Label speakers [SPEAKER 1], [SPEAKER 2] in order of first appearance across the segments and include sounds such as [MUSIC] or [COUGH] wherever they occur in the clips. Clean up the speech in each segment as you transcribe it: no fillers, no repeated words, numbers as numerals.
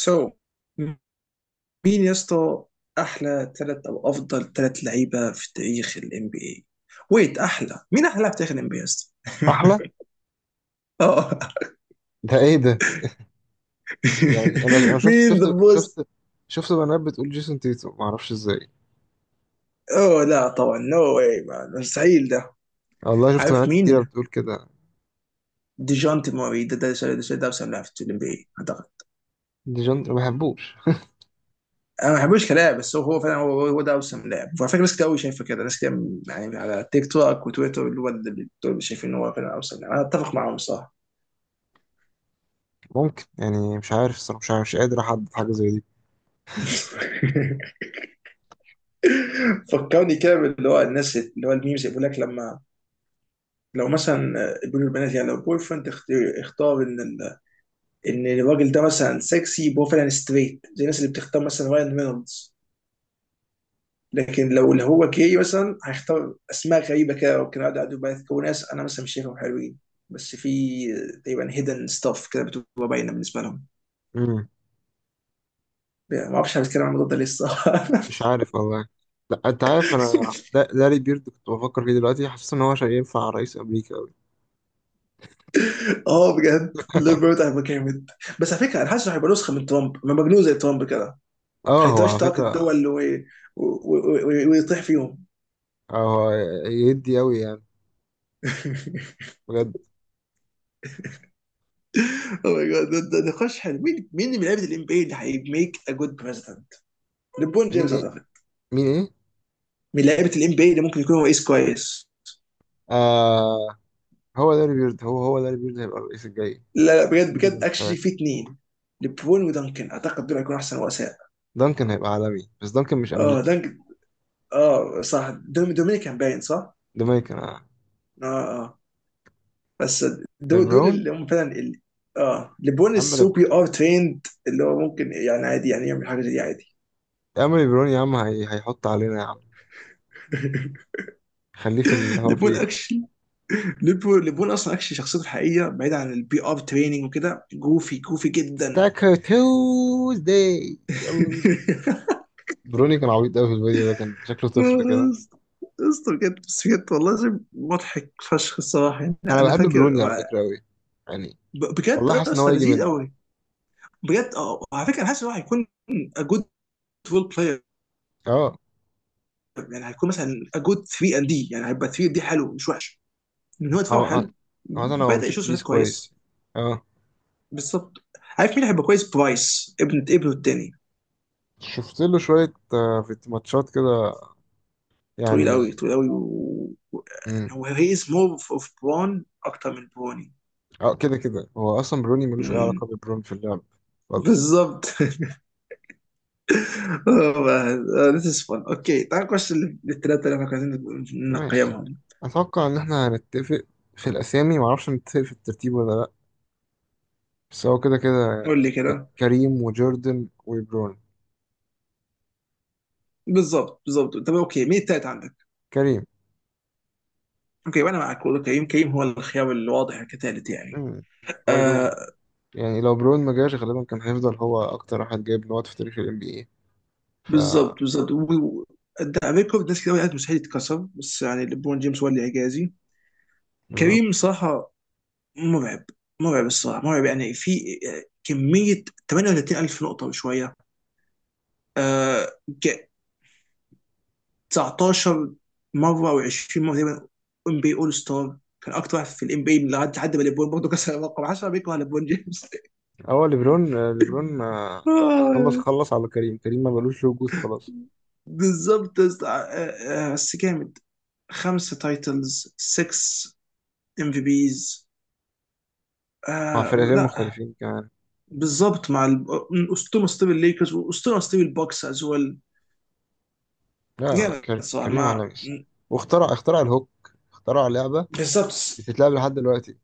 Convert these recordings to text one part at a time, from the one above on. [SPEAKER 1] سو مين يا اسطى؟ احلى ثلاث او افضل ثلاث لعيبه في تاريخ الام بي اي. ويت، احلى مين، احلى لاعب في تاريخ الام بي اي يا اسطى؟ [LAUGHS]
[SPEAKER 2] احلى.
[SPEAKER 1] اه.
[SPEAKER 2] ده ايه ده؟ يعني انا
[SPEAKER 1] [LAUGHS]
[SPEAKER 2] شفت
[SPEAKER 1] مين ذا
[SPEAKER 2] شفت
[SPEAKER 1] بوست؟
[SPEAKER 2] شفت شفت بنات بتقول جيسون تيتو، ما اعرفش ازاي.
[SPEAKER 1] اوه لا طبعا، نو واي مان، مستحيل ده.
[SPEAKER 2] والله شفت
[SPEAKER 1] عارف
[SPEAKER 2] بنات كتيره
[SPEAKER 1] مين؟
[SPEAKER 2] بتقول كده.
[SPEAKER 1] ديجونتي موري، ده اوسم لاعب في الام بي اي اعتقد.
[SPEAKER 2] دي جون ما بحبوش.
[SPEAKER 1] انا ما بحبوش كلاعب بس هو فعلا هو ده اوسم لاعب، وعلى فكره ناس كتير قوي شايفه كده، ناس كتير. يعني على تيك توك وتويتر، اللي دول شايفين ان هو فعلا اوسم لاعب، انا اتفق معاهم. صح.
[SPEAKER 2] ممكن، يعني مش عارف الصراحه، مش عارف، مش قادر احدد حاجه زي دي.
[SPEAKER 1] [LAUGHS] فكرني كده، اللي هو الناس اللي هو الميمز يقول لك، لما لو مثلا بيقولوا البنات يعني لو بوي فريند اختار ان ال... ان الراجل ده مثلا سكسي، يبقى هو فعلا ستريت، زي الناس اللي بتختار مثلا راين رينولدز. لكن لو اللي هو جاي مثلا هيختار اسماء غريبه كده، ممكن اقعد بقى يذكروا ناس انا مثلا مش شايفهم حلوين. بس في تقريبا هيدن ستاف كده بتبقى باينه بالنسبه لهم.
[SPEAKER 2] امم
[SPEAKER 1] يعني ما اعرفش، هنتكلم عن الموضوع ده لسه. [LAUGHS]
[SPEAKER 2] مش عارف والله. لا، انت عارف، انا داري بيرد كنت بفكر فيه دلوقتي، حاسس ان هو شيء ينفع رئيس امريكا قوي.
[SPEAKER 1] اه بجد، ليبرت هيبقى جامد. بس على فكره انا حاسس إنه هيبقى نسخه من ترامب، من مجنون زي ترامب كده.
[SPEAKER 2] اه، هو على
[SPEAKER 1] هيتشتاق
[SPEAKER 2] فكره.
[SPEAKER 1] الدول ويطيح فيهم.
[SPEAKER 2] آه، هو يدي قوي يعني،
[SPEAKER 1] [LAUGHS]
[SPEAKER 2] بجد.
[SPEAKER 1] او ماي جاد، ده نقاش حلو. مين، مين من لعيبه الام بي اي اللي هيميك ا جود بريزدنت؟ ليبرون
[SPEAKER 2] مين
[SPEAKER 1] جيمس
[SPEAKER 2] ايه؟
[SPEAKER 1] اعتقد.
[SPEAKER 2] مين ايه؟
[SPEAKER 1] من لعيبه الام بي اي اللي ممكن يكون هو ايس كويس.
[SPEAKER 2] آه، هو داري بيرد، هو داري بيرد هيبقى الرئيس الجاي،
[SPEAKER 1] لا لا، بجد
[SPEAKER 2] ينزل
[SPEAKER 1] بجد، اكشلي
[SPEAKER 2] الانتخابات.
[SPEAKER 1] في اثنين. ليبرون ودانكن اعتقد دول هيكونوا احسن رؤساء.
[SPEAKER 2] دانكن هيبقى عالمي، بس دانكن مش
[SPEAKER 1] اه
[SPEAKER 2] امريكي.
[SPEAKER 1] دانكن. اه صح، دومينيكان باين صح؟
[SPEAKER 2] جامايكان، آه.
[SPEAKER 1] اه. اه. بس دول
[SPEAKER 2] ليبرون.
[SPEAKER 1] اللي هم فعلا اه ليبرون،
[SPEAKER 2] يا عم
[SPEAKER 1] السو بي ار تريند اللي هو ممكن يعني عادي يعني يعمل حاجه زي دي عادي.
[SPEAKER 2] يا عم ليبرون، يا عم هيحط علينا يا عم.
[SPEAKER 1] [LAUGHS]
[SPEAKER 2] خليه في اللي هو
[SPEAKER 1] ليبرون
[SPEAKER 2] فيه.
[SPEAKER 1] اكشلي، ليبول اصلا اكشلي شخصيته الحقيقيه بعيد عن البي ار تريننج وكده، جوفي جوفي جدا.
[SPEAKER 2] ستاك تيوزداي يلا.
[SPEAKER 1] [LAUGHS]
[SPEAKER 2] بروني كان عبيط قوي في الفيديو ده، كان شكله طفل كده.
[SPEAKER 1] اسطى بجد، بس بجد والله العظيم مضحك فشخ الصراحه. يعني انا
[SPEAKER 2] انا
[SPEAKER 1] أنا
[SPEAKER 2] بحب
[SPEAKER 1] فاكر.
[SPEAKER 2] بروني على فكره قوي، يعني
[SPEAKER 1] بجد
[SPEAKER 2] والله حاسس ان هو
[SPEAKER 1] اسطى
[SPEAKER 2] يجي
[SPEAKER 1] لذيذ
[SPEAKER 2] منه.
[SPEAKER 1] قوي. بجد اه، على فكره انا حاسس ان هو هيكون a good role player،
[SPEAKER 2] اه،
[SPEAKER 1] يعني هيكون مثلا a good 3 and D، يعني هيبقى 3 and D حلو مش وحش. ان هو دفاعه
[SPEAKER 2] هو
[SPEAKER 1] حلو.
[SPEAKER 2] مثلا هو
[SPEAKER 1] بدأ
[SPEAKER 2] بيشوت
[SPEAKER 1] يشوف
[SPEAKER 2] تريس
[SPEAKER 1] شوط
[SPEAKER 2] كويس.
[SPEAKER 1] كويس.
[SPEAKER 2] اه،
[SPEAKER 1] بالظبط. عارف مين هيبقى كويس؟ برايس، ابن ابنه التاني.
[SPEAKER 2] شفت له شويه آه، في ماتشات كده
[SPEAKER 1] طويل قوي
[SPEAKER 2] يعني.
[SPEAKER 1] طويل قوي و-
[SPEAKER 2] امم
[SPEAKER 1] يعني هو هي از مور اوف برون اكتر من بروني.
[SPEAKER 2] اه، كده كده هو اصلا بروني ملوش اي علاقه
[SPEAKER 1] مم.
[SPEAKER 2] ببرون في اللعب خالص.
[SPEAKER 1] بالظبط. [LAUGHS] ذس از فun. اوكي تعال نخش للثلاثه اللي احنا كنا عايزين
[SPEAKER 2] ماشي،
[SPEAKER 1] نقيمهم.
[SPEAKER 2] اتوقع ان احنا هنتفق في الاسامي، معرفش نتفق في الترتيب ولا لا، بس هو كده كده
[SPEAKER 1] قول لي
[SPEAKER 2] يعني
[SPEAKER 1] كده.
[SPEAKER 2] كريم وجوردن وبرون.
[SPEAKER 1] بالظبط بالظبط. طب اوكي مين التالت عندك؟
[SPEAKER 2] كريم.
[SPEAKER 1] اوكي، وانا معاك برضه، كريم. كريم هو الخيار الواضح كثالث يعني.
[SPEAKER 2] مم، برضو.
[SPEAKER 1] آه.
[SPEAKER 2] يعني لو برون ما جاش غالبا كان هيفضل هو اكتر واحد جايب نقط في تاريخ ال NBA. ف
[SPEAKER 1] بالظبط بالظبط ده ريكورد ناس كده قالت مستحيل يتكسر، بس يعني ليبرون جيمس هو اللي اعجازي. كريم
[SPEAKER 2] بالظبط.
[SPEAKER 1] صراحه مرعب، مرعب الصراحه، مرعب. يعني في كميه 38,000 نقطه وشويه. آه ج- 19 مره او 20 مره تقريبا ام بي اول ستار، كان اكتر واحد في الام بي لحد حد ما ليبرون برضه كسر الرقم. 10 بيكره ليبرون جيمس. [LAUGHS]
[SPEAKER 2] هو ليبرون ليبرون ما- خلص،
[SPEAKER 1] آه،
[SPEAKER 2] خلص على كريم، كريم ما بلوش له وجود خلاص.
[SPEAKER 1] بالظبط يا اسطى. بس جامد، خمسه تايتلز، 6 ام في بيز.
[SPEAKER 2] مع
[SPEAKER 1] آه
[SPEAKER 2] فرقتين
[SPEAKER 1] لا.
[SPEAKER 2] مختلفين كمان.
[SPEAKER 1] بالظبط، مع اسطوره، اسطوره الليكرز، واسطوره، اسطوره البوكس از ويل.
[SPEAKER 2] لا
[SPEAKER 1] جامد صراحه.
[SPEAKER 2] كريم
[SPEAKER 1] ما
[SPEAKER 2] عالمي الصراحة. واخترع، اخترع الهوك، اخترع لعبة
[SPEAKER 1] بالظبط،
[SPEAKER 2] بتتلعب لحد دلوقتي.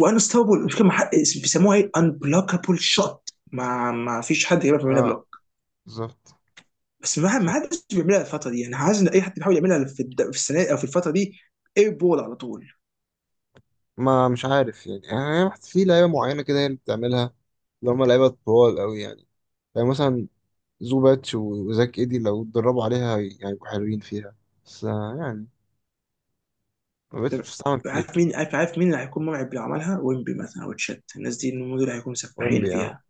[SPEAKER 1] وانستوبل مش كده بيسموها ايه؟ انبلوكابل شوت، ما فيش حد يعرف يعملها
[SPEAKER 2] اه
[SPEAKER 1] بلوك.
[SPEAKER 2] بالظبط.
[SPEAKER 1] بس ما حدش بيعملها الفتره دي، يعني عايز ان اي حد بيحاول يعملها في, في السنه او في الفتره دي، اير بول على طول.
[SPEAKER 2] ما مش عارف يعني، يعني في لعيبه معينه كده هي اللي بتعملها، اللي هم لعيبه طوال قوي يعني. يعني مثلا زوباتش وزاك ايدي لو اتدربوا عليها يعني يبقوا حلوين فيها، بس آه، يعني ما بقتش
[SPEAKER 1] طب
[SPEAKER 2] بتستعمل كتير،
[SPEAKER 1] عارف
[SPEAKER 2] فاهم؟
[SPEAKER 1] مين، عارف مين اللي هيكون مرعب لو عملها؟ ويمبي مثلا او تشات، الناس دي إن هم دول هيكونوا سفاحين
[SPEAKER 2] ويمبي، اه.
[SPEAKER 1] فيها.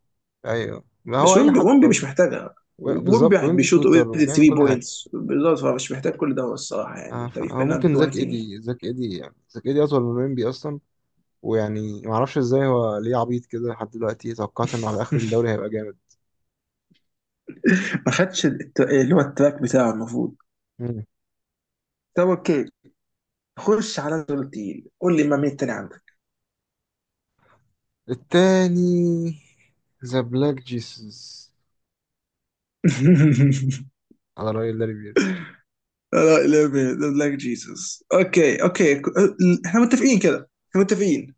[SPEAKER 2] ايوه، ما
[SPEAKER 1] بس
[SPEAKER 2] هو اي
[SPEAKER 1] ويمبي،
[SPEAKER 2] حد
[SPEAKER 1] ويمبي مش
[SPEAKER 2] طويل.
[SPEAKER 1] محتاجها،
[SPEAKER 2] بالظبط،
[SPEAKER 1] ويمبي
[SPEAKER 2] ويمبي
[SPEAKER 1] بيشوط
[SPEAKER 2] شوتر
[SPEAKER 1] اوريدي
[SPEAKER 2] وبيعمل
[SPEAKER 1] 3
[SPEAKER 2] كل حاجه.
[SPEAKER 1] بوينتس بالظبط، فمش محتاج كل ده الصراحه. يعني
[SPEAKER 2] آه،
[SPEAKER 1] انت يو
[SPEAKER 2] هو
[SPEAKER 1] كانت
[SPEAKER 2] ممكن
[SPEAKER 1] دو اني
[SPEAKER 2] زاك
[SPEAKER 1] ثينج.
[SPEAKER 2] ايدي، زاك ايدي يعني زاك ايدي اطول من ويمبي اصلا. ويعني ما اعرفش ازاي هو ليه عبيط كده لحد دلوقتي، توقعت انه على اخر الدوري هيبقى
[SPEAKER 1] [LAUGHS] ما خدش اللي هو التراك بتاعه المفروض.
[SPEAKER 2] جامد.
[SPEAKER 1] طب اوكي خش على دول تقيل، قول لي ما مين تاني عندك.
[SPEAKER 2] التاني، ذا بلاك جيسوس،
[SPEAKER 1] [LAUGHS]
[SPEAKER 2] على رأي لاري بيرد.
[SPEAKER 1] لا لا لا لايك جيسس. اوكي اوكي، احنا متفقين كده، احنا متفقين.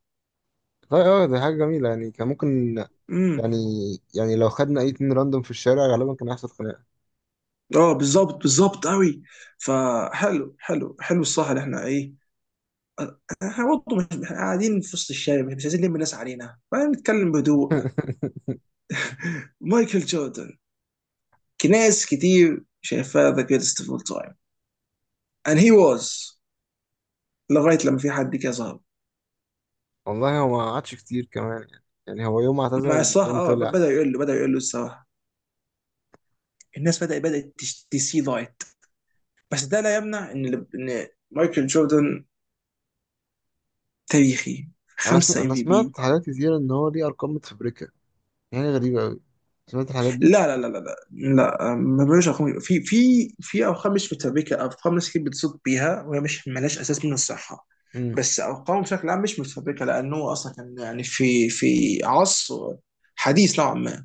[SPEAKER 2] طيب اه، دي حاجة جميلة، يعني كان ممكن،
[SPEAKER 1] امم.
[SPEAKER 2] يعني يعني لو خدنا أي اتنين راندوم في الشارع غالبا كان هيحصل خناقة.
[SPEAKER 1] اه بالظبط، بالظبط قوي. فحلو حلو حلو، الصح اللي احنا ايه، احنا برضه مش احنا قاعدين في وسط الشارع، مش عايزين نلم الناس علينا فنتكلم بهدوء. [LAUGHS]
[SPEAKER 2] [LAUGHS]
[SPEAKER 1] مايكل جوردن، ناس كتير شايفاه ذا جريتست اوف اول تايم and he was لغايه لما في حد كده ظهر.
[SPEAKER 2] والله هو ما قعدش كتير كمان، يعني يعني هو يوم ما
[SPEAKER 1] مع
[SPEAKER 2] اعتزل
[SPEAKER 1] الصراحه
[SPEAKER 2] برون
[SPEAKER 1] اه،
[SPEAKER 2] طلع.
[SPEAKER 1] بدا يقول له الصراحه، الناس بدات تسي لايت. بس ده لا يمنع ان، ان مايكل جوردن تاريخي،
[SPEAKER 2] أنا سمعت،
[SPEAKER 1] خمسة ام
[SPEAKER 2] أنا
[SPEAKER 1] في بي.
[SPEAKER 2] سمعت حاجات كتيرة إن هو ليه أرقام متفبركة، يعني غريبة أوي. سمعت الحاجات دي؟
[SPEAKER 1] لا لا. ما بقولش ارقام، في ارقام مش متفبركه، ارقام ناس كتير بتصوت بيها وهي مش ملهاش اساس من الصحه.
[SPEAKER 2] مم.
[SPEAKER 1] بس ارقامه بشكل عام مش متفبركه لانه اصلا كان يعني في عصر حديث نوعا ما.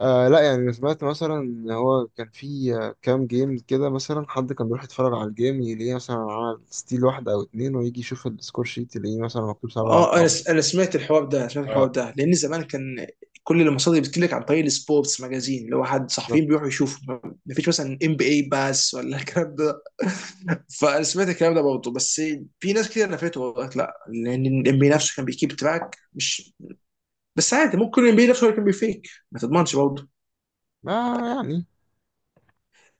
[SPEAKER 2] آه لا، يعني أنا سمعت مثلا ان هو كان في آه، كام جيم كده، مثلا حد كان بيروح يتفرج على الجيم يلاقيه مثلا عمل ستيل واحدة او اتنين، ويجي يشوف السكور شيت يلاقيه مثلا مكتوب سبعة او اه
[SPEAKER 1] اه
[SPEAKER 2] تمانية.
[SPEAKER 1] انا سمعت الحوار ده، سمعت الحوار
[SPEAKER 2] اه
[SPEAKER 1] ده، لان زمان كان كل المصادر بتجيلك عن طريق السبورتس ماجازين، اللي هو حد صحفيين
[SPEAKER 2] بالظبط.
[SPEAKER 1] بيروحوا يشوفوا، مفيش مثلا ام بي اي باس ولا الكلام ده. [LAUGHS] فانا سمعت الكلام ده برضه. بس في ناس كتير نفته وقالت لا، لان الام بي إيه نفسه كان بيكيب تراك، مش بس عادي، ممكن الام بي إيه نفسه هو اللي كان بيفيك، ما تضمنش برضه
[SPEAKER 2] آه يعني.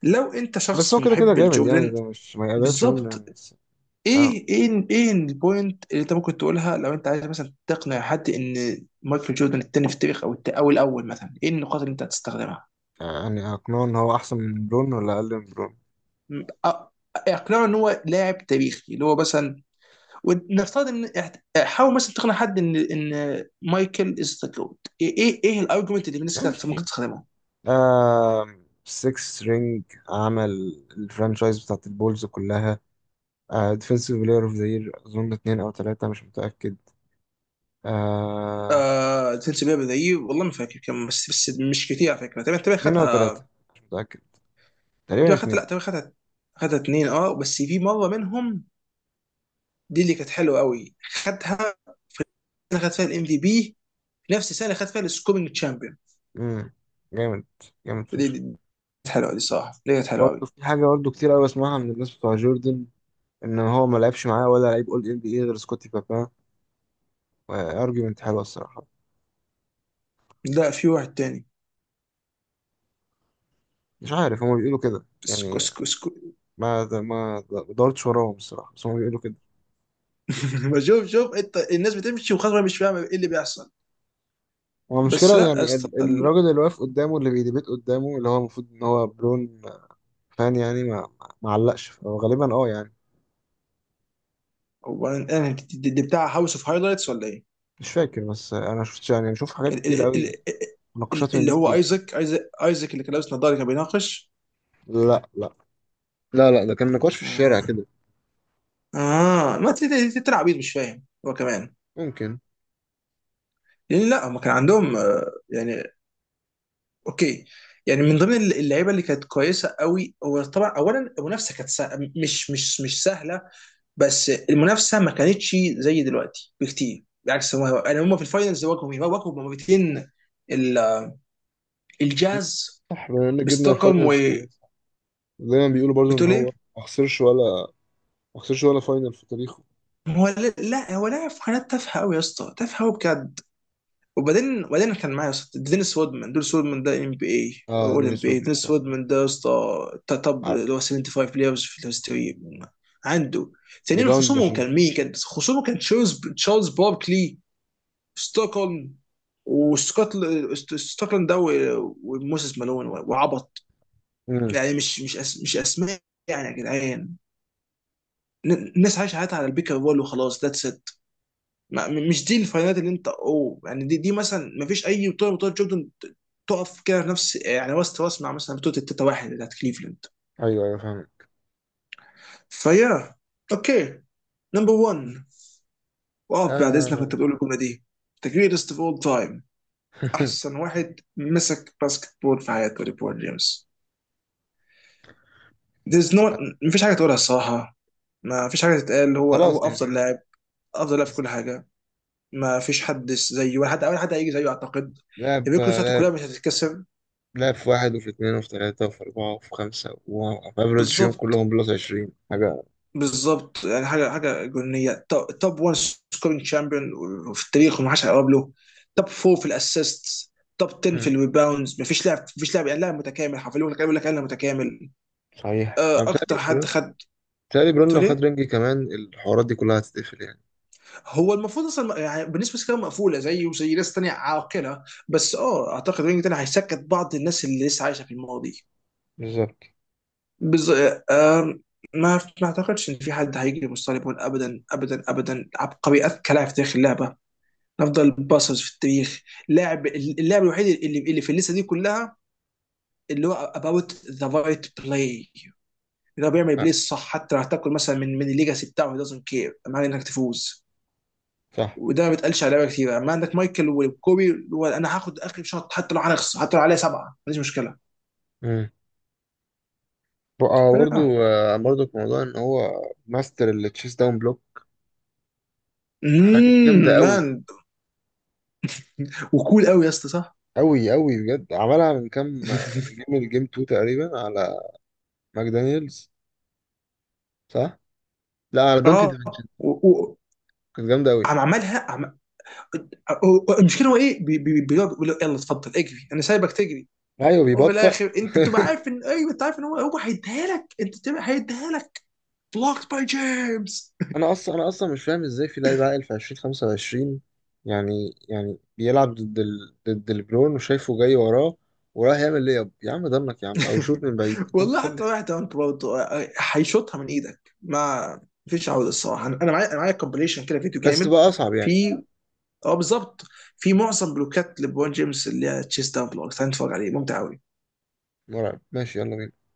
[SPEAKER 1] لو انت
[SPEAKER 2] بس
[SPEAKER 1] شخص
[SPEAKER 2] هو كده كده
[SPEAKER 1] محب
[SPEAKER 2] جامد يعني،
[SPEAKER 1] لجوردن.
[SPEAKER 2] ده مش ما يقللش منه
[SPEAKER 1] بالظبط.
[SPEAKER 2] يعني، بس اه.
[SPEAKER 1] ايه، ايه، ايه البوينت اللي انت ممكن تقولها لو انت عايز مثلا تقنع حد ان مايكل جوردن التاني في التاريخ او او الاول مثلا، ايه النقاط اللي انت هتستخدمها؟
[SPEAKER 2] يعني اقنعه ان هو احسن من برون ولا اقل من برون؟
[SPEAKER 1] م- أ- اقنعه ان هو لاعب تاريخي، اللي هو مثلا ونفترض ان حاول مثلا تقنع حد ان ان مايكل از ذا جوت، ايه، ايه، ايه الارجيومنت اللي بالنسبه لك ممكن
[SPEAKER 2] ماشي.
[SPEAKER 1] تستخدمه؟
[SPEAKER 2] آه، 6 رينج، عمل الفرانشايز بتاعت البولز كلها، آه ديفنسيف بلاير اوف ذا يير اظن اتنين او تلاتة، مش متأكد. آه،
[SPEAKER 1] آه تنسى بيها بدقيق والله ما فاكر كم، بس بس مش كتير على فكره، تقريبا تقريبا
[SPEAKER 2] اتنين أو تلاتة،
[SPEAKER 1] خدها،
[SPEAKER 2] مش متأكد، تقريبا
[SPEAKER 1] تقريبا خدها،
[SPEAKER 2] اتنين.
[SPEAKER 1] لا تقريبا خدها، خدها اتنين. اه بس في مره منهم دي اللي كانت حلوه قوي، خدها، خد فيها الام في بي نفس السنه اللي خد فيها السكورينج تشامبيون.
[SPEAKER 2] مم، جامد. جامد فشخ.
[SPEAKER 1] دي كانت حلوه، دي صراحه دي كانت حلوه قوي.
[SPEAKER 2] في حاجة برضه كتير أوي أسمعها من الناس بتوع جوردن، إن هو ما لعبش معاه ولا لعيب أول إن بي إيه غير سكوتي بابا، وأرجيومنت حلوة الصراحة.
[SPEAKER 1] لا في واحد تاني،
[SPEAKER 2] مش عارف، هما بيقولوا كده يعني،
[SPEAKER 1] اسكو.
[SPEAKER 2] ما دورتش وراهم الصراحة، بس هما بيقولوا كده.
[SPEAKER 1] [LAUGHS] بشوف، شوف انت الناس بتمشي وخلاص مش فاهمه ايه اللي بيحصل.
[SPEAKER 2] هو
[SPEAKER 1] بس
[SPEAKER 2] المشكلة
[SPEAKER 1] لا يا
[SPEAKER 2] يعني
[SPEAKER 1] اسطى
[SPEAKER 2] الراجل اللي واقف قدامه، اللي بيديبيت قدامه، اللي هو المفروض إن هو برون، فان يعني ما علقش، فهو غالبا أه يعني.
[SPEAKER 1] هو انا دي بتاع هاوس اوف هايلايتس ولا ايه؟
[SPEAKER 2] مش فاكر، بس أنا شفت، يعني بشوف حاجات
[SPEAKER 1] ال-
[SPEAKER 2] كتير
[SPEAKER 1] ال- ال-
[SPEAKER 2] أوي، نقاشات من
[SPEAKER 1] اللي
[SPEAKER 2] دي
[SPEAKER 1] هو
[SPEAKER 2] كتير.
[SPEAKER 1] ايزك اللي كان لابس نظاره كان بيناقش.
[SPEAKER 2] لا لا، لا ده كان نقاش في
[SPEAKER 1] اه.
[SPEAKER 2] الشارع كده.
[SPEAKER 1] ما تلعب عبيط، مش فاهم هو كمان.
[SPEAKER 2] ممكن.
[SPEAKER 1] لان لا، هم كان عندهم يعني اوكي، يعني من ضمن اللعيبه اللي كانت كويسه قوي، هو طبعا اولا المنافسه كانت مش سهله، بس المنافسه ما كانتش زي دلوقتي بكتير، بالعكس هم يعني هم في الفاينلز واجهوا مين؟ واجهوا مرتين ال- الجاز
[SPEAKER 2] صح، بما ان جبنا
[SPEAKER 1] بستوكهولم.
[SPEAKER 2] الفاينلز كمان،
[SPEAKER 1] وبتقول
[SPEAKER 2] صح. دايما بيقولوا برضو ان
[SPEAKER 1] ايه؟
[SPEAKER 2] هو ما خسرش ولا، ما خسرش ولا فاينل في تاريخه.
[SPEAKER 1] هو لا لا، هو لاعب في قناه تافهه قوي يا اسطى، تافهه قوي بجد. وبعدين كان معايا يا اسطى دينيس وودمان، دينيس وودمان ده ام بي اي،
[SPEAKER 2] اه
[SPEAKER 1] اول ام
[SPEAKER 2] دينيس
[SPEAKER 1] بي اي
[SPEAKER 2] رودمان،
[SPEAKER 1] دينيس
[SPEAKER 2] صح.
[SPEAKER 1] وودمان ده يا اسطى، توب
[SPEAKER 2] عارف.
[SPEAKER 1] اللي هو 75 بلايرز في الهستوري عنده. ثانيا
[SPEAKER 2] ريباوند
[SPEAKER 1] خصومه
[SPEAKER 2] ماشين.
[SPEAKER 1] كان مين؟ كان خصومه كان تشارلز باركلي، ستوكهولم ستوكهولم ده، وموسيس مالون وعبط،
[SPEAKER 2] امم
[SPEAKER 1] يعني مش اسماء يعني يا جدعان. الناس عايشه حياتها على البيكر بول وخلاص، ذاتس ات. ما مش دي الفاينالات اللي انت اوه يعني، دي دي مثلا ما فيش اي بطوله من بطولات جوردن تقف كده في نفس يعني وسط راس مع مثلا بطوله التتا واحد بتاعت كليفلاند
[SPEAKER 2] ايوه ايوه، فاهم.
[SPEAKER 1] فيا. اوكي نمبر 1، واقف بعد اذنك وانت
[SPEAKER 2] آه.
[SPEAKER 1] بتقول الجمله دي، ذا جريتست اوف اول تايم، احسن
[SPEAKER 2] [LAUGHS]
[SPEAKER 1] واحد مسك باسكت بول في حياته ليبرون جيمس. there's no ما فيش حاجه تقولها الصراحه، ما فيش حاجه تتقال، هو
[SPEAKER 2] خلاص
[SPEAKER 1] افضل
[SPEAKER 2] يعني.
[SPEAKER 1] لاعب، افضل لاعب في كل
[SPEAKER 2] بالظبط.
[SPEAKER 1] حاجه. ما فيش حد زيه ولا حد، اول حد هيجي زيه اعتقد.
[SPEAKER 2] لعب،
[SPEAKER 1] الريكورد بتاعته كلها
[SPEAKER 2] لعب،
[SPEAKER 1] مش هتتكسر.
[SPEAKER 2] لعب في واحد وفي اثنين وفي ثلاثة وفي أربعة وفي خمسة، وأفريج فيهم
[SPEAKER 1] بالظبط
[SPEAKER 2] كلهم بلس 20 حاجة.
[SPEAKER 1] بالظبط، يعني حاجه جنونيه، توب 1 سكورينج شامبيون في التاريخ وما حدش هيقرب له. توب 4 في الاسيست، توب 10 في
[SPEAKER 2] مم.
[SPEAKER 1] الريباوندز، مفيش لاعب، مفيش لاعب يعني، لاعب متكامل حرفيا، يقول لك، انا متكامل.
[SPEAKER 2] صحيح أنا
[SPEAKER 1] اكتر
[SPEAKER 2] بتهيألي
[SPEAKER 1] حد
[SPEAKER 2] برون،
[SPEAKER 1] خد
[SPEAKER 2] بتهيألي برون
[SPEAKER 1] قلت
[SPEAKER 2] لو خد
[SPEAKER 1] ليه.
[SPEAKER 2] رينج كمان الحوارات دي كلها هتتقفل يعني.
[SPEAKER 1] هو المفروض اصلا يعني بالنسبه لكام مقفوله زيه وزي ناس تانيه عاقله، بس اه اعتقد رينج تاني هيسكت بعض الناس اللي لسه عايشه في الماضي.
[SPEAKER 2] بالظبط.
[SPEAKER 1] بز... آه، ما اعتقدش ان في حد هيجي مستوى ليبرون ابدا ابدا ابدا. عبقري، اذكى لاعب في تاريخ اللعبه، افضل باسرز في التاريخ، اللاعب الوحيد اللي في الليسته دي كلها، اللي هو اباوت ذا رايت بلاي، اللي هو بيعمل بلاي
[SPEAKER 2] آه،
[SPEAKER 1] الصح حتى لو هتاكل مثلا من الليجاسي بتاعه، دازنت كير معنى انك تفوز.
[SPEAKER 2] صح.
[SPEAKER 1] وده ما بيتقالش على لعيبه كتير، اما عندك مايكل وكوبي اللي هو انا هاخد اخر شوط حتى لو هنخسر، حتى لو عليا سبعه ما عنديش مشكله
[SPEAKER 2] امم بقى برضه
[SPEAKER 1] فيا.
[SPEAKER 2] آه، برضه برضه في موضوع ان هو ماستر التشيس داون بلوك، حاجات جامده قوي.
[SPEAKER 1] مان، وكول قوي يا اسطى صح.
[SPEAKER 2] قوي قوي بجد. عملها من كام آه،
[SPEAKER 1] [LAUGHS]
[SPEAKER 2] جيم، الجيم 2 تقريبا، على ماكدانيلز، صح؟ لا، على
[SPEAKER 1] اه
[SPEAKER 2] دونتي ديفينشن.
[SPEAKER 1] و- و-
[SPEAKER 2] كانت جامده قوي.
[SPEAKER 1] عم عملها المشكله هو ايه، بيقعد يقول له يلا اتفضل اجري، انا سايبك تجري،
[SPEAKER 2] ايوه،
[SPEAKER 1] وفي
[SPEAKER 2] بيبطأ.
[SPEAKER 1] الاخر انت بتبقى عارف ان ايوه، انت عارف ان هو هيديها لك، انت بتبقى هيديها لك. بلوكت باي جيمس.
[SPEAKER 2] انا اصلا، انا اصلا مش فاهم ازاي في لعيب عاقل في 2025، يعني يعني بيلعب ضد ضد البرون وشايفه جاي وراه، وراح يعمل ليب يا عم ضنك يا عم، او شوت
[SPEAKER 1] [LAUGHS]
[SPEAKER 2] من بعيد، انت
[SPEAKER 1] والله حتى
[SPEAKER 2] متخلف.
[SPEAKER 1] واحد انت برضه هيشوطها من ايدك، ما فيش عوده الصراحه. انا أنا معايا، معايا كومبليشن كده فيديو
[SPEAKER 2] بس
[SPEAKER 1] جامد
[SPEAKER 2] تبقى اصعب يعني.
[SPEAKER 1] في. اه بالظبط، في معظم بلوكات لبرون جيمس اللي هي تشيست داون بلوكس هنتفرج عليه، ممتع قوي.
[SPEAKER 2] مرعب. ماشي يلا بينا.